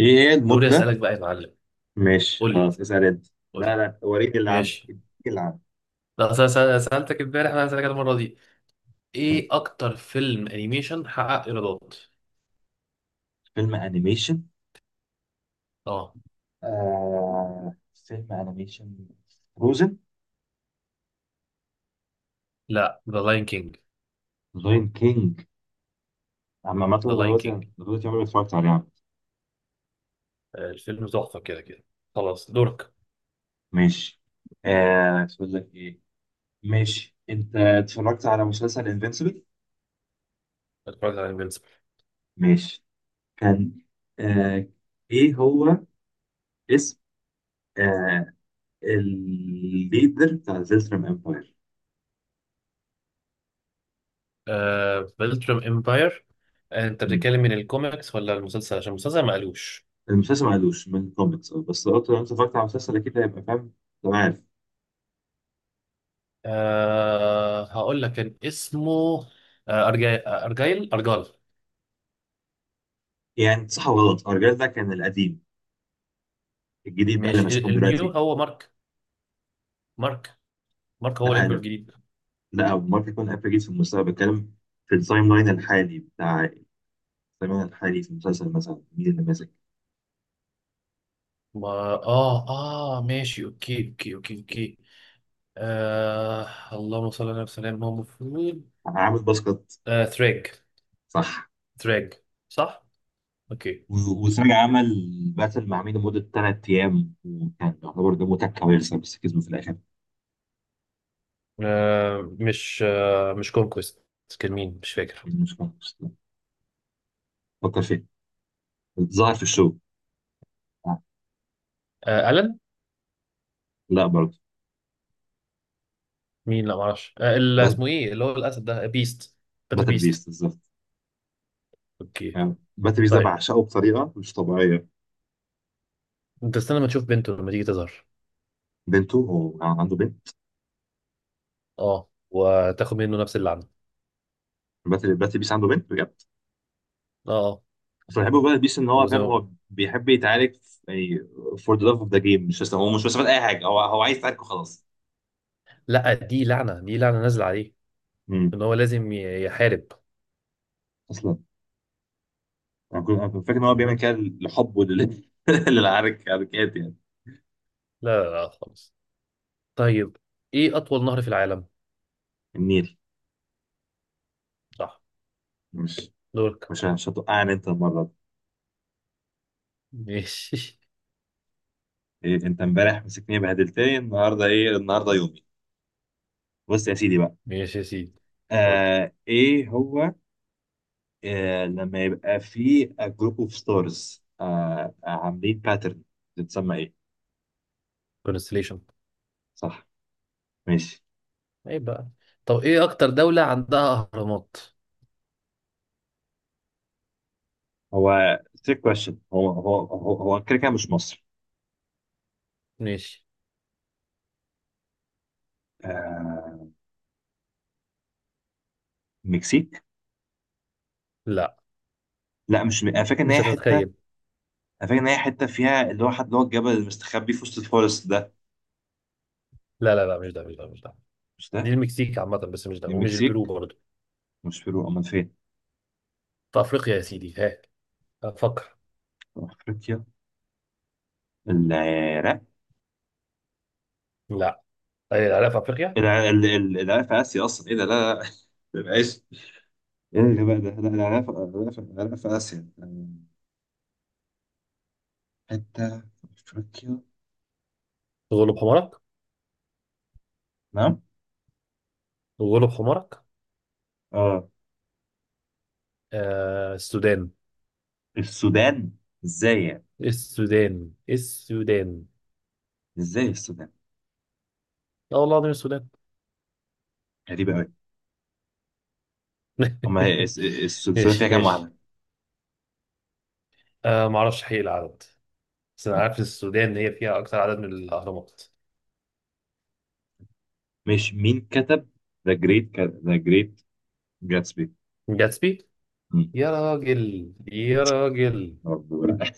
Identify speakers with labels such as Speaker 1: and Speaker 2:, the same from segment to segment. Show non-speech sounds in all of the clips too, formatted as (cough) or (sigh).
Speaker 1: ايه هي
Speaker 2: دوري
Speaker 1: المدة؟
Speaker 2: اسالك بقى يا معلم.
Speaker 1: ماشي،
Speaker 2: قول لي.
Speaker 1: خلاص اسأل انت.
Speaker 2: قول
Speaker 1: لا
Speaker 2: لي
Speaker 1: لا، وريني اللي عندك،
Speaker 2: ماشي
Speaker 1: اديني اللي عندك.
Speaker 2: لا، أصل انا سالتك امبارح، انا هسالك المره دي.
Speaker 1: ها.
Speaker 2: ايه اكتر فيلم انيميشن حقق ايرادات؟
Speaker 1: فيلم انيميشن.
Speaker 2: اه.
Speaker 1: فيلم انيميشن فروزن.
Speaker 2: لا، ذا لاين كينج.
Speaker 1: لاين كينج. عم، مثلا
Speaker 2: ذا لاين
Speaker 1: دلوقتي
Speaker 2: كينج
Speaker 1: دلوقتي عمري ما اتفرجت عليه يا عم.
Speaker 2: الفيلم تحفه كده كده. خلاص دورك.
Speaker 1: ماشي. تقول لك ايه. ماشي، انت اتفرجت على مسلسل انفينسيبل؟
Speaker 2: اتفرجت على انفينسيبل.
Speaker 1: ماشي. كان، آه ايه هو اسم آه الليدر بتاع زلترم امباير.
Speaker 2: آه، بلترم امباير. انت بتتكلم من الكوميكس ولا المسلسل؟ عشان المسلسل ما قالوش.
Speaker 1: المسلسل ما عدوش من الكوميكس، بس لو انت اتفرجت على المسلسل اكيد هيبقى فاهم. تمام عارف.
Speaker 2: آه، هقول لك كان اسمه آه أرجاي... آه، ارجايل ارجال.
Speaker 1: يعني صح وغلط، الرجال ده كان القديم. الجديد بقى اللي
Speaker 2: ماشي،
Speaker 1: مشاكم
Speaker 2: النيو
Speaker 1: دلوقتي.
Speaker 2: هو مارك. مارك. مارك هو
Speaker 1: لا
Speaker 2: الامبرو
Speaker 1: لا،
Speaker 2: الجديد.
Speaker 1: لا ممكن يكون قبل، جديد في المستقبل بتكلم. في التايم لاين الحالي بتاع التايم لاين الحالي في المسلسل، مثلا مين اللي ماسك؟
Speaker 2: ما اه ماشي، اوكي. آه، اللهم صل على وسلم. ما هو المفروض
Speaker 1: عامل باسكت.
Speaker 2: آه ثريج.
Speaker 1: صح.
Speaker 2: ثريج، صح؟ اوكي.
Speaker 1: وسراج عمل باتل مع مين لمدة 3 أيام وكان يعتبر ده متك كويسة بس كسبه في الآخر.
Speaker 2: آه، مش كونكويست. كان مين مش فاكر.
Speaker 1: مش مش- فكر فيه. ظهر في الشو. آه،
Speaker 2: آه، ألن.
Speaker 1: لا برضه.
Speaker 2: مين؟ لا معرفش. اسمه ايه اللي هو الاسد ده؟ بيست. باتل
Speaker 1: باتل
Speaker 2: بيست.
Speaker 1: بيست بالظبط.
Speaker 2: اوكي.
Speaker 1: يعني باتلي بيس ده
Speaker 2: طيب
Speaker 1: بعشقه بطريقه مش طبيعيه.
Speaker 2: انت استنى ما تشوف بنته لما تيجي تظهر.
Speaker 1: بنته؟ هو كان عنده بنت؟
Speaker 2: اه، وتاخد منه نفس اللعنه.
Speaker 1: باتلي بيس عنده بنت بجد؟
Speaker 2: اه، آه.
Speaker 1: بس بحبه في باتلي بيس ان هو
Speaker 2: وزي
Speaker 1: فاهم. هو
Speaker 2: ما...
Speaker 1: بيحب يتعارك يعني فور ذا لاف اوف ذا جيم، مش بس، هو مش مستفاد اي حاجه، هو عايز يتعارك وخلاص.
Speaker 2: لا، دي لعنه، دي لعنه نازله عليه،
Speaker 1: امم
Speaker 2: ان هو لازم يحارب.
Speaker 1: اصلا انا كنت أنا كنت فاكر ان هو بيعمل
Speaker 2: مهم.
Speaker 1: كده لحبه (laughs) للعرك، حركات يعني.
Speaker 2: لا لا لا خالص. طيب، ايه اطول نهر في العالم؟
Speaker 1: النيل.
Speaker 2: صح.
Speaker 1: مش
Speaker 2: دورك.
Speaker 1: مش هتوقعني انت المره دي.
Speaker 2: ماشي. (laughs)
Speaker 1: إيه؟ انت امبارح مسكتني بهدلتني، النهارده ايه؟ النهارده يومي. بص يا سيدي بقى.
Speaker 2: ماشي يا سيدي. قول لي.
Speaker 1: ايه هو؟ لما يبقى في جروب اوف ستارز عاملين باترن بتتسمى ايه؟
Speaker 2: كونستليشن.
Speaker 1: صح. ماشي.
Speaker 2: ايه بقى؟ طب ايه اكتر دولة عندها اهرامات؟
Speaker 1: هو تريك كويشن، هو كده كده مش مصر.
Speaker 2: ماشي.
Speaker 1: آه، مكسيك.
Speaker 2: لا،
Speaker 1: لا مش انا فاكر ان
Speaker 2: مش
Speaker 1: هي حته.
Speaker 2: هتتخيل.
Speaker 1: انا فاكر ان هي حته فيها اللي هو حد، اللي هو الجبل المستخبي في وسط الفورست ده.
Speaker 2: لا لا لا، مش ده، مش ده، مش ده.
Speaker 1: مش
Speaker 2: دي
Speaker 1: ده؟
Speaker 2: المكسيك عامة، بس مش ده، ومش البرو
Speaker 1: المكسيك.
Speaker 2: برضه.
Speaker 1: مش بيرو امال فين؟
Speaker 2: في افريقيا يا سيدي. ها، افكر.
Speaker 1: افريقيا. العراق.
Speaker 2: لا. ايه، العراق في افريقيا؟
Speaker 1: العراق في اسيا اصلا، ايه ده؟ لا لا لا. (laughs) ما يبقاش. ايه يا جماعه ده؟ لا، العراق في العراق في اسيا. حتة في أفريقيا.
Speaker 2: غلب حمارك.
Speaker 1: نعم.
Speaker 2: غلب حمارك.
Speaker 1: اه.
Speaker 2: آه، السودان.
Speaker 1: السودان؟ ازاي يعني؟
Speaker 2: السودان. السودان.
Speaker 1: ازاي السودان؟
Speaker 2: لا والله العظيم السودان.
Speaker 1: غريبة أوي. أما هي
Speaker 2: (laughs)
Speaker 1: السودان فيها
Speaker 2: ايش
Speaker 1: كام
Speaker 2: ايش.
Speaker 1: واحدة؟
Speaker 2: آه، ما اعرفش حقيقي العدد، بس انا
Speaker 1: آه.
Speaker 2: عارف السودان هي فيها اكتر عدد من الاهرامات.
Speaker 1: مش مين كتب ذا جريت جاتسبي؟
Speaker 2: جاتسبي. يا راجل يا راجل.
Speaker 1: برضه لا.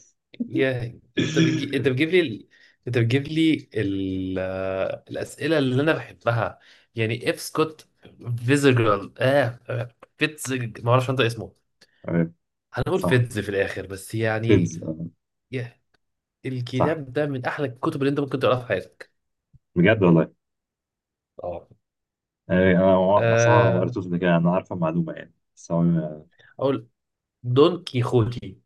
Speaker 2: يا انت
Speaker 1: (laughs)
Speaker 2: بتجيب لي انت بتجيب لي ال... آه، الاسئله اللي انا بحبها، يعني اف سكوت فيزجرال. فيتزج، ما اعرفش انت اسمه.
Speaker 1: آه،
Speaker 2: هنقول
Speaker 1: صح.
Speaker 2: فيتز في الاخر بس يعني.
Speaker 1: فيدز
Speaker 2: يا،
Speaker 1: صح
Speaker 2: الكتاب ده من احلى الكتب اللي انت ممكن تقراها في حياتك.
Speaker 1: بجد والله.
Speaker 2: اه.
Speaker 1: آه، أنا صح ما
Speaker 2: آه،
Speaker 1: قريتوش ده كده، أنا عارفة المعلومة يعني، بس هو.
Speaker 2: اقول دون كيخوتي.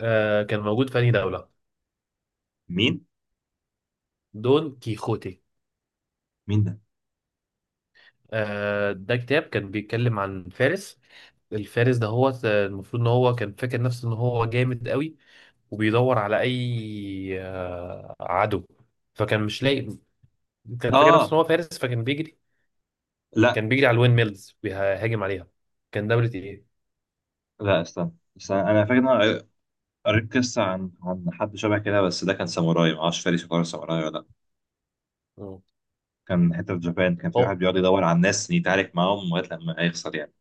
Speaker 2: آه، كان موجود في أنهي دولة؟
Speaker 1: مين
Speaker 2: دون كيخوتي.
Speaker 1: مين ده؟
Speaker 2: آه، ده كتاب كان بيتكلم عن فارس. الفارس ده هو المفروض ان هو كان فاكر نفسه ان هو جامد قوي، وبيدور على اي عدو، فكان مش لاقي. كان فاكر نفسه
Speaker 1: آه
Speaker 2: ان هو فارس فكان بيجري.
Speaker 1: لا
Speaker 2: كان بيجري على الوين ميلز بيهاجم عليها. كان دولة ايه؟
Speaker 1: لا، استنى استنى. أنا فاكر إن أنا قريت قصة عن حد شبه كده، بس ده كان ساموراي، معرفش فارس يعتبر ساموراي ولا لأ.
Speaker 2: مم.
Speaker 1: كان حتة في جابان كان في واحد
Speaker 2: اه.
Speaker 1: بيقعد يدور على الناس يتعارك معاهم لغاية لما هيخسر يعني.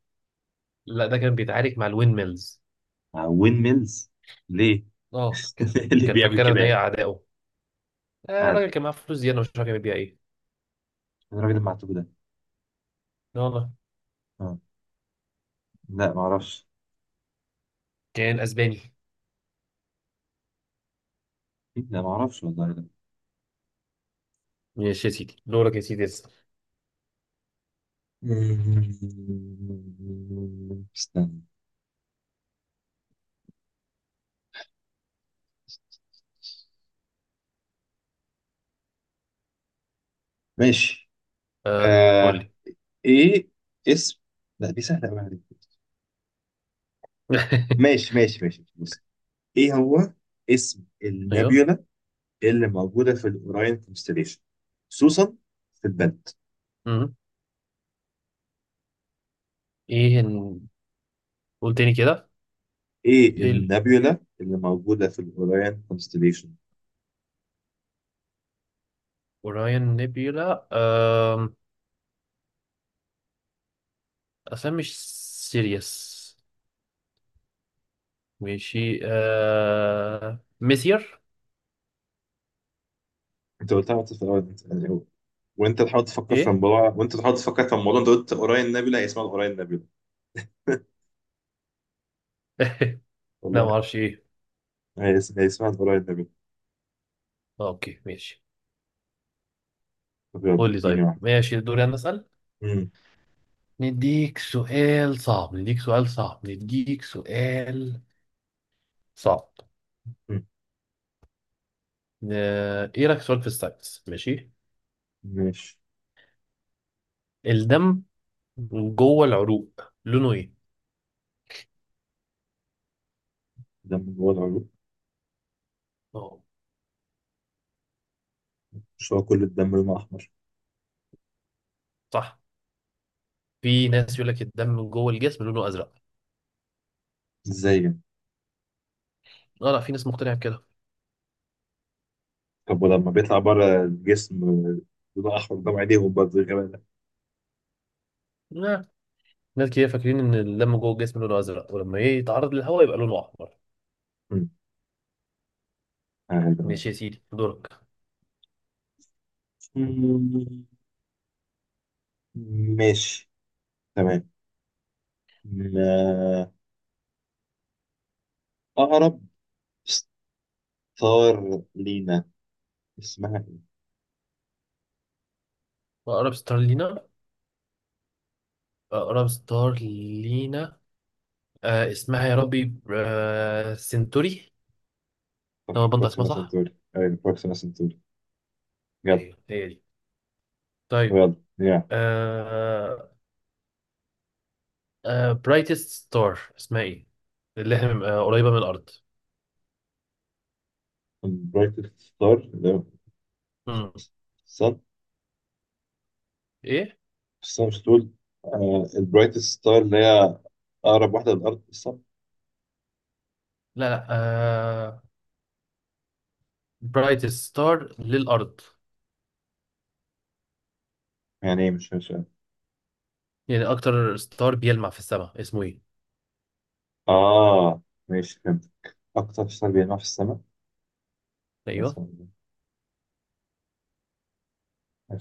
Speaker 2: لا، ده كان بيتعارك مع الوين ميلز.
Speaker 1: وين ميلز؟ ليه؟
Speaker 2: اه
Speaker 1: (laughs)
Speaker 2: ك-
Speaker 1: اللي
Speaker 2: كان
Speaker 1: بيعمل
Speaker 2: فاكرها
Speaker 1: كده
Speaker 2: ان هي
Speaker 1: يعني؟
Speaker 2: اعدائه. آه
Speaker 1: قاعد.
Speaker 2: الراجل كان معاه فلوس زيادة مش عارف يعمل بيها ايه.
Speaker 1: إيه الراجل المعتوه ده؟
Speaker 2: لا والله.
Speaker 1: آه. لا معرفش.
Speaker 2: كان اسباني.
Speaker 1: لا معرفش والله ده.
Speaker 2: ماشي يا سيدي، دورك يا سيدي، اسأل.
Speaker 1: (laughs) استنى. ماشي.
Speaker 2: اه قول
Speaker 1: آه.
Speaker 2: لي.
Speaker 1: ايه اسم لا دي سهلة قوي عليك.
Speaker 2: (laughs)
Speaker 1: ماشي ماشي ماشي، بص. ايه هو اسم
Speaker 2: ايوه.
Speaker 1: النابيولا اللي موجودة في الأوراين كونستليشن، خصوصا في البنت؟
Speaker 2: مم. ايه ن- قول تاني كده.
Speaker 1: إيه
Speaker 2: ايه ال-
Speaker 1: النابيولا اللي موجودة في الأوراين كونستليشن؟
Speaker 2: اوراين نيبيولا. آم، اصلا مش سيريس. ماشي. ميسير.
Speaker 1: أنت قلتها وأنت في الأول، يعني
Speaker 2: ايه؟
Speaker 1: وأنت تحاول تفكر في الموضوع، أنت قلت أوراين نابيولا. هي اسمها الأوراين نابيولا
Speaker 2: لا ما
Speaker 1: والله.
Speaker 2: اعرفش ايه.
Speaker 1: هي اسمها الأوراين نابيولا.
Speaker 2: آه، اوكي ماشي.
Speaker 1: طب يلا.
Speaker 2: قول لي
Speaker 1: اديني
Speaker 2: طيب.
Speaker 1: واحدة.
Speaker 2: ماشي، دوري انا اسال.
Speaker 1: مم.
Speaker 2: نديك سؤال صعب، نديك سؤال صعب، نديك سؤال صعب.
Speaker 1: مم.
Speaker 2: ايه رايك في سؤال في الساينس؟ ماشي.
Speaker 1: ماشي.
Speaker 2: الدم جوه العروق لونه ايه؟
Speaker 1: دم جوه العروق؟
Speaker 2: اه.
Speaker 1: مش هو كل الدم لونه أحمر؟
Speaker 2: صح. في ناس يقول لك الدم جوه الجسم لونه ازرق.
Speaker 1: إزاي يعني؟
Speaker 2: اه، لا، في ناس مقتنعه بكده.
Speaker 1: طب ولما بيطلع بره الجسم لونه أحمر قدام عينيهم برضه، غير ده؟
Speaker 2: لا، ناس كتير فاكرين ان الدم جوه الجسم لونه ازرق، ولما ايه يتعرض للهواء يبقى لونه احمر.
Speaker 1: مم.
Speaker 2: ماشي
Speaker 1: آه،
Speaker 2: يا سيدي، دورك.
Speaker 1: ده- ماشي. تمام. م- آه، أقرب ستار لينا اسمها إيه؟
Speaker 2: اقرب ستار لينا. اقرب ستار لينا، آه، اسمها يا ربي، آه، سنتوري. لما
Speaker 1: صح،
Speaker 2: بنطق اسمها
Speaker 1: بروكسيما
Speaker 2: صح.
Speaker 1: سنتوري، أيوة بروكسيما سنتوري. جدع.
Speaker 2: ايوه هي دي. طيب.
Speaker 1: يلا يا.
Speaker 2: آه. آه، برايتست ستار اسمها ايه اللي احنا قريبه من الارض؟
Speaker 1: البرايتست ستار اللي هو
Speaker 2: مم.
Speaker 1: الصن.
Speaker 2: ايه.
Speaker 1: مش تقول البرايتست ستار اللي هي أقرب واحدة للأرض، الصن.
Speaker 2: لا لا، برايت ستار للأرض،
Speaker 1: يعني إيه؟ مش مش
Speaker 2: يعني أكتر ستار بيلمع في السماء اسمه إيه؟
Speaker 1: آه ماشي فهمت. أكتر ستار بيلمع في السماء. أنا
Speaker 2: أيوه.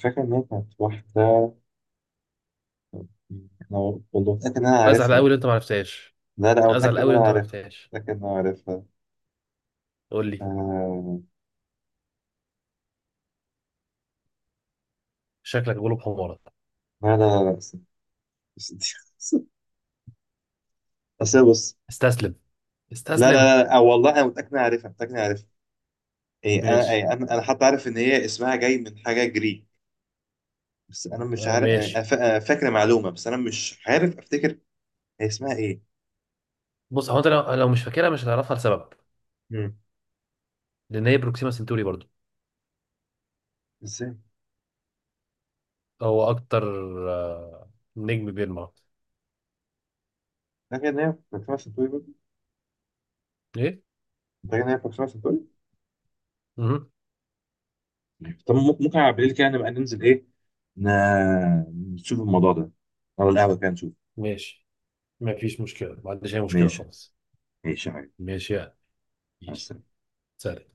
Speaker 1: فاكر إن هي كانت واحدة. أنا والله متأكد إن أنا
Speaker 2: أزعل
Speaker 1: عارفها.
Speaker 2: أوي لو أنت معرفتهاش.
Speaker 1: لا لا،
Speaker 2: أزعل
Speaker 1: متأكد إن
Speaker 2: أوي لو
Speaker 1: أنا
Speaker 2: أنت
Speaker 1: عارفها،
Speaker 2: معرفتهاش.
Speaker 1: متأكد إن أنا عارفها.
Speaker 2: قول لي.
Speaker 1: آه...
Speaker 2: شكلك غلوب حمارك.
Speaker 1: لا لا لا لا، بس دي. (laughs) أصل بص.
Speaker 2: استسلم.
Speaker 1: لا
Speaker 2: استسلم.
Speaker 1: لا لا، والله أنا متأكد إن أنا عارفها، متأكد إن أنا عارفها. إيه أنا
Speaker 2: ماشي.
Speaker 1: إيه أنا أنا حتى عارف إن هي اسمها جاي من حاجة جريك. بس أنا مش
Speaker 2: آه
Speaker 1: عارف.
Speaker 2: ماشي.
Speaker 1: أنا فاكر معلومة بس أنا مش عارف أفتكر هي اسمها إيه.
Speaker 2: بص، هو أنت لو, لو مش فاكرها مش هتعرفها لسبب.
Speaker 1: مم.
Speaker 2: لأن هي بروكسيما سنتوري برضو.
Speaker 1: إزاي؟
Speaker 2: هو أكتر، آه... نجم بيلمع.
Speaker 1: فاكر إن هي فاكر سنتوري برضه؟
Speaker 2: إيه؟
Speaker 1: فاكر إن هي فاكر سنتوري.
Speaker 2: مهم.
Speaker 1: طب ممكن على بالليل كده نبقى ننزل، إيه، نشوف الموضوع ده أو القهوة كده نشوف.
Speaker 2: ماشي. مفيش مشكلة، ما عنديش أي مشكلة
Speaker 1: ماشي.
Speaker 2: خالص.
Speaker 1: ماشي يا حبيبي.
Speaker 2: ماشي يعني.
Speaker 1: مع
Speaker 2: ماشي.
Speaker 1: السلامة.
Speaker 2: سهل.